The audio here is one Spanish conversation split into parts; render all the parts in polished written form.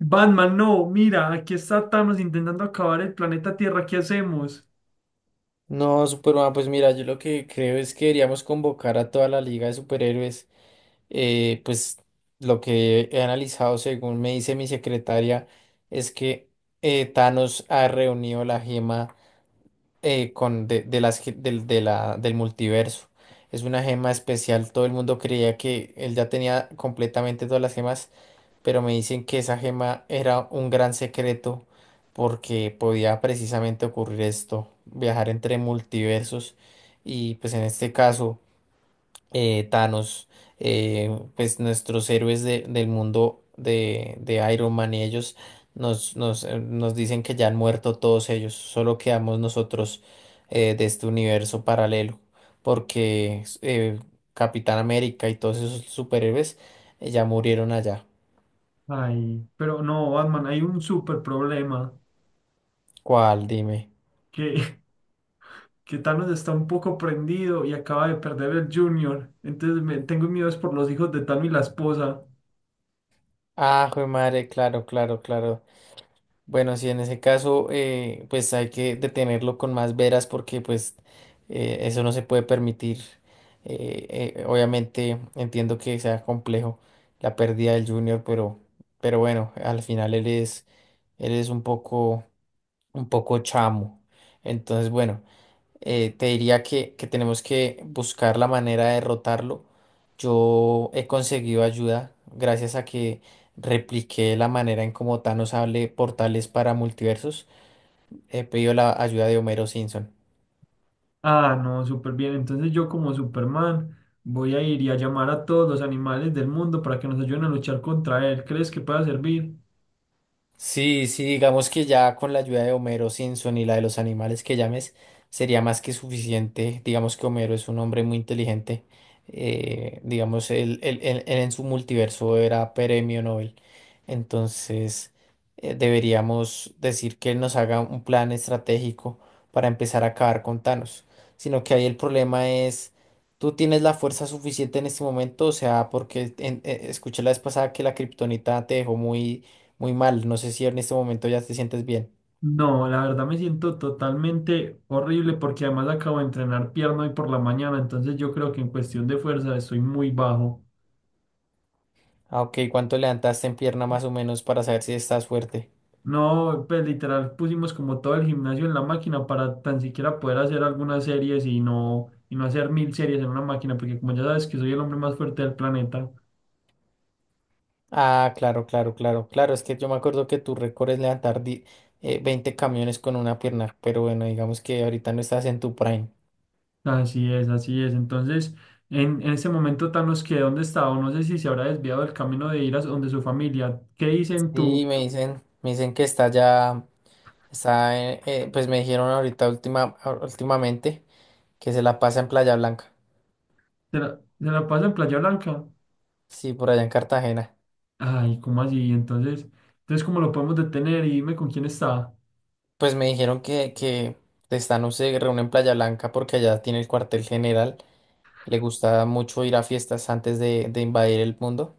Batman, no, mira, aquí está Thanos intentando acabar el planeta Tierra, ¿qué hacemos? No, Superman, pues mira, yo lo que creo es que deberíamos convocar a toda la Liga de Superhéroes. Pues lo que he analizado, según me dice mi secretaria, es que Thanos ha reunido la gema con de las, del multiverso. Es una gema especial, todo el mundo creía que él ya tenía completamente todas las gemas, pero me dicen que esa gema era un gran secreto porque podía precisamente ocurrir esto, viajar entre multiversos y pues en este caso Thanos, eh, pues nuestros héroes del mundo de Iron Man y ellos nos dicen que ya han muerto todos ellos, solo quedamos nosotros de este universo paralelo porque Capitán América y todos esos superhéroes ya murieron allá. Ay, pero no, Batman, hay un súper problema, ¿Cuál? Dime. que, que Thanos está un poco prendido y acaba de perder el Junior, entonces tengo miedo es por los hijos de Thanos y la esposa. Ah, jue madre, claro, claro, claro. Bueno, sí, en ese caso, pues hay que detenerlo con más veras porque pues eso no se puede permitir. Obviamente entiendo que sea complejo la pérdida del Junior, pero bueno, al final él es un poco chamo. Entonces, bueno. Te diría que tenemos que buscar la manera de derrotarlo. Yo he conseguido ayuda gracias a que repliqué la manera en cómo Thanos hable portales para multiversos. He pedido la ayuda de Homero Simpson. Ah, no, súper bien, entonces yo como Superman voy a ir y a llamar a todos los animales del mundo para que nos ayuden a luchar contra él, ¿crees que pueda servir? Sí, sí, digamos que ya con la ayuda de Homero Simpson y la de los animales que llames, sería más que suficiente. Digamos que Homero es un hombre muy inteligente. Digamos, él en su multiverso era premio Nobel. Entonces, deberíamos decir que él nos haga un plan estratégico para empezar a acabar con Thanos. Sino que ahí el problema es, ¿tú tienes la fuerza suficiente en este momento? O sea, porque escuché la vez pasada que la kriptonita te dejó muy muy mal, no sé si en este momento ya te sientes bien. No, la verdad me siento totalmente horrible porque además acabo de entrenar pierna hoy por la mañana, entonces yo creo que en cuestión de fuerza estoy muy bajo. Ah, ok, ¿cuánto levantaste en pierna más o menos para saber si estás fuerte? No, pues literal pusimos como todo el gimnasio en la máquina para tan siquiera poder hacer algunas series y no hacer mil series en una máquina, porque como ya sabes que soy el hombre más fuerte del planeta, Ah, claro, claro, claro, claro, es que yo me acuerdo que tu récord es levantar 20 camiones con una pierna, pero bueno, digamos que ahorita no estás en tu prime. así es, así es. Entonces, en ese momento Thanos que dónde estaba, o no sé si se habrá desviado del camino de ir a donde su familia. ¿Qué dicen tú? Sí, me dicen que está ya, pues me dijeron ahorita últimamente que se la pasa en Playa Blanca, Se la pasa en Playa Blanca? sí, por allá en Cartagena. Ay, ¿cómo así? Entonces, entonces ¿cómo lo podemos detener? Y dime con quién está. Pues me dijeron que están, no se reúne en Playa Blanca porque allá tiene el cuartel general, le gusta mucho ir a fiestas antes de invadir el mundo,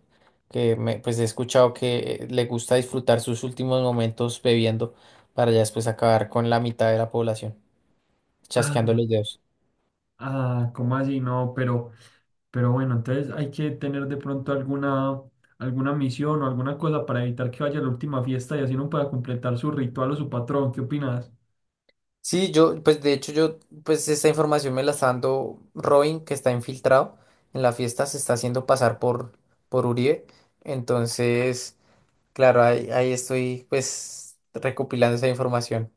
que me, pues he escuchado que le gusta disfrutar sus últimos momentos bebiendo para ya después acabar con la mitad de la población, chasqueando los Ah, dedos. ah, ¿cómo así? No, pero bueno, entonces hay que tener de pronto alguna, alguna misión o alguna cosa para evitar que vaya a la última fiesta y así no pueda completar su ritual o su patrón. ¿Qué opinas? Sí, yo, pues de hecho yo, pues esta información me la está dando Robin, que está infiltrado en la fiesta, se está haciendo pasar por Uribe. Entonces, claro, ahí estoy pues recopilando esa información.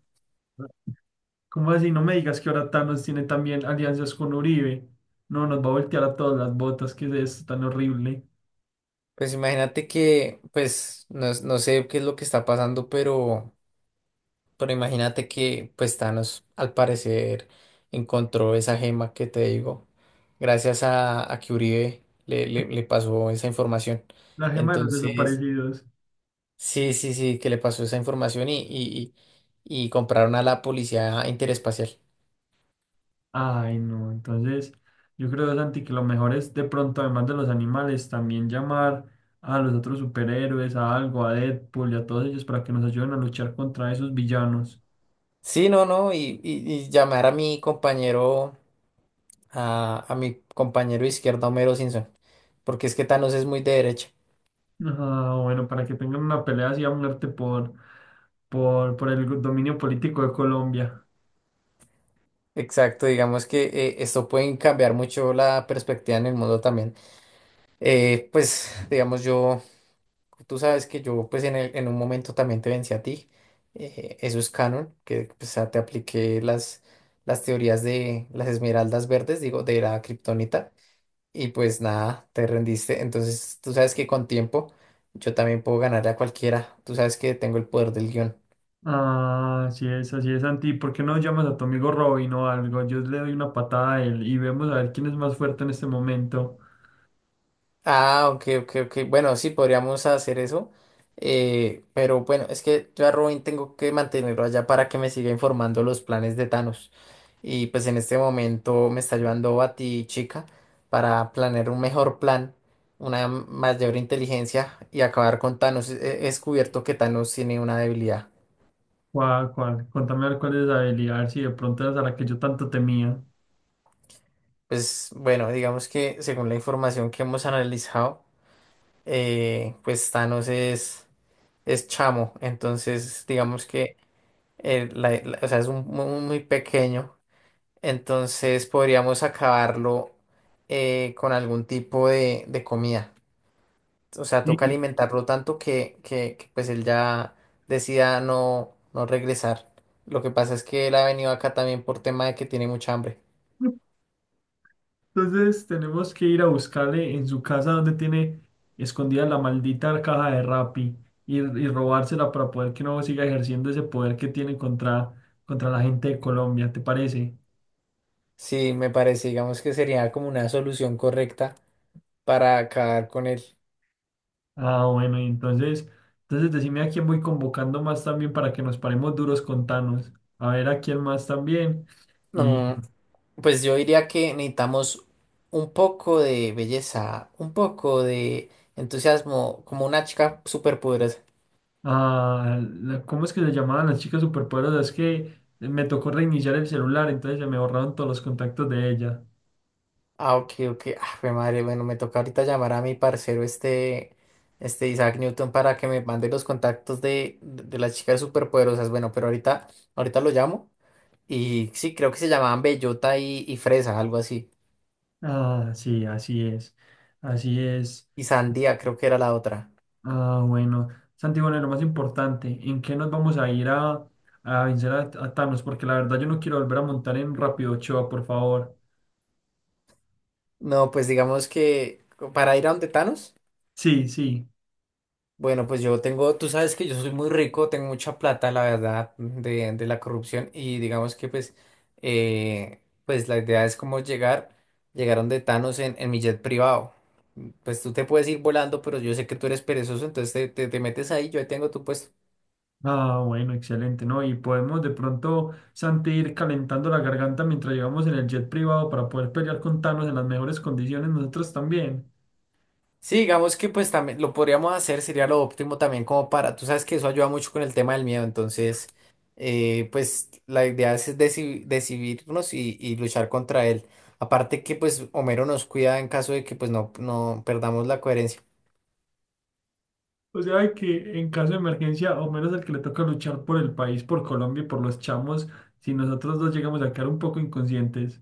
¿Cómo así? No me digas que ahora Thanos tiene también alianzas con Uribe. No, nos va a voltear a todas las botas, ¿que es esto tan horrible? Pues imagínate que, pues, no, no sé qué es lo que está pasando, pero imagínate que, pues, Thanos, al parecer, encontró esa gema que te digo, gracias a que Uribe le pasó esa información. La gema de los Entonces, desaparecidos. Sí, que le pasó esa información y compraron a la policía interespacial. Ay, no, entonces yo creo, Santi, que lo mejor es de pronto, además de los animales, también llamar a los otros superhéroes, a algo, a Deadpool y a todos ellos para que nos ayuden a luchar contra esos villanos. Sí, no, no, y llamar a mi compañero, a mi compañero izquierdo, Homero Simpson, porque es que Thanos es muy de derecha. Ah, bueno, para que tengan una pelea así a muerte por el dominio político de Colombia. Exacto, digamos que esto puede cambiar mucho la perspectiva en el mundo también. Digamos, yo, tú sabes que yo, pues, en un momento también te vencí a ti. Eso es canon, que pues, ah, te apliqué las teorías de las esmeraldas verdes, digo, de la kriptonita. Y pues nada, te rendiste. Entonces, tú sabes que con tiempo yo también puedo ganarle a cualquiera. Tú sabes que tengo el poder del guión. Ah, así es, Santi. ¿Por qué no llamas a tu amigo Robin o algo? Yo le doy una patada a él y vemos a ver quién es más fuerte en este momento. Ah, ok, ok, ok. Bueno, sí, podríamos hacer eso. Pero bueno, es que yo a Robin tengo que mantenerlo allá para que me siga informando los planes de Thanos. Y pues en este momento me está ayudando a chica, para planear un mejor plan, una mayor inteligencia y acabar con Thanos. He descubierto que Thanos tiene una debilidad. ¿Cuál, cuál? Contame a ver cuál es la habilidad, a ver si de pronto es a la que yo tanto temía. Pues bueno, digamos que según la información que hemos analizado, pues es chamo. Entonces, digamos que. Eh, o sea, muy, muy pequeño, entonces podríamos acabarlo con algún tipo de comida. O sea, toca Sí. alimentarlo tanto que, pues él ya decida no, no regresar. Lo que pasa es que él ha venido acá también por tema de que tiene mucha hambre. Entonces tenemos que ir a buscarle en su casa donde tiene escondida la maldita caja de Rappi y robársela para poder que no siga ejerciendo ese poder que tiene contra, contra la gente de Colombia, ¿te parece? Sí, me parece, digamos que sería como una solución correcta para acabar con él. Ah, bueno, y entonces, entonces decime a quién voy convocando más también para que nos paremos duros con Thanos. A ver a quién más también. Pues yo diría que necesitamos un poco de belleza, un poco de entusiasmo, como una chica súper poderosa. ¿A la- cómo es que le llamaban las chicas superpoderosas? Es que me tocó reiniciar el celular, entonces se me borraron todos los contactos de ella. Ah, ok, ok. Ah, jue madre, bueno, me toca ahorita llamar a mi parcero este, este Isaac Newton para que me mande los contactos de las chicas superpoderosas. Bueno, pero ahorita lo llamo. Y sí, creo que se llamaban Bellota y Fresa, algo así. Ah, sí, así es, así es. Y Sandía, creo que era la otra. Ah, bueno, Santi, bueno, y lo más importante, ¿en qué nos vamos a ir a vencer a Thanos? Porque la verdad yo no quiero volver a montar en Rápido Ochoa, por favor. No, pues digamos que para ir a donde Thanos. Sí, sí. Bueno, pues yo tengo, tú sabes que yo soy muy rico, tengo mucha plata, la verdad, de la corrupción y digamos que pues, eh, pues la idea es como llegar donde Thanos en mi jet privado. Pues tú te puedes ir volando, pero yo sé que tú eres perezoso, entonces te metes ahí, yo ahí tengo tu puesto. Ah, bueno, excelente, ¿no? Y podemos de pronto, Santi, ir calentando la garganta mientras llegamos en el jet privado para poder pelear con Thanos en las mejores condiciones nosotros también. Sí, digamos que pues también lo podríamos hacer, sería lo óptimo también como para, tú sabes que eso ayuda mucho con el tema del miedo, entonces pues la idea es decidirnos y luchar contra él. Aparte que pues Homero nos cuida en caso de que pues no, no perdamos la coherencia. O sea, de que en caso de emergencia, o menos el que le toca luchar por el país, por Colombia y por los chamos, si nosotros dos llegamos a quedar un poco inconscientes.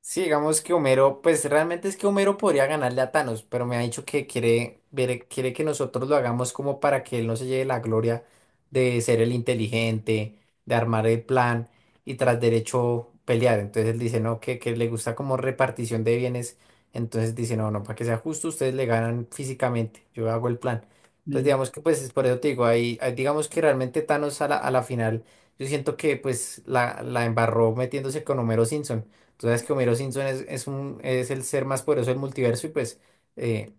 Sí, digamos que Homero, pues realmente es que Homero podría ganarle a Thanos, pero me ha dicho que quiere, quiere que nosotros lo hagamos como para que él no se lleve la gloria de ser el inteligente, de armar el plan y tras derecho pelear. Entonces él dice, no, que le gusta como repartición de bienes. Entonces dice, no, no, para que sea justo, ustedes le ganan físicamente, yo hago el plan. Entonces Sí. digamos que pues es por eso te digo, ahí, ahí digamos que realmente Thanos a la final, yo siento que pues la embarró metiéndose con Homero Simpson. Entonces que Homero Simpson es el ser más poderoso del multiverso y pues eh,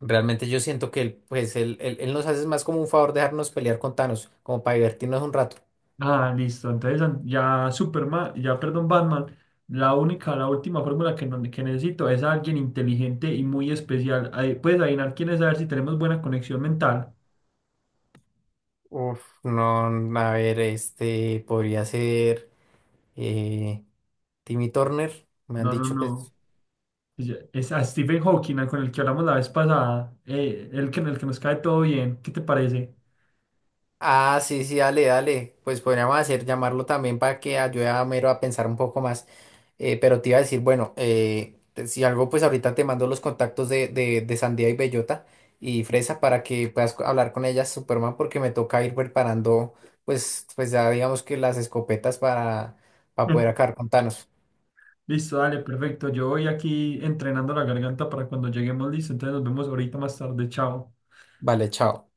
realmente yo siento que él, pues, él nos hace más como un favor dejarnos pelear con Thanos, como para divertirnos un rato. Ah, listo. Entonces an- ya Superman, ya perdón, Batman, la única, la última fórmula que, no- que necesito es a alguien inteligente y muy especial. Ahí, puedes adivinar quién es, a ver si tenemos buena conexión mental. Uf, no, a ver, este podría ser eh, Timmy Turner, me han No, no, dicho que no. es Ya- es a Stephen Hawking, al con el que hablamos la vez pasada, el que nos cae todo bien. ¿Qué te parece? Ah, sí, sí, dale, dale. Pues podríamos hacer llamarlo también para que ayude a Mero a pensar un poco más. Pero te iba a decir, bueno, si algo, pues ahorita te mando los contactos de Sandía y Bellota y Fresa para que puedas hablar con ellas, Superman, porque me toca ir preparando, pues, pues ya digamos que las escopetas para poder acabar con Thanos. Listo, dale, perfecto. Yo voy aquí entrenando la garganta para cuando lleguemos, listo. Entonces nos vemos ahorita más tarde. Chao. Vale, chao.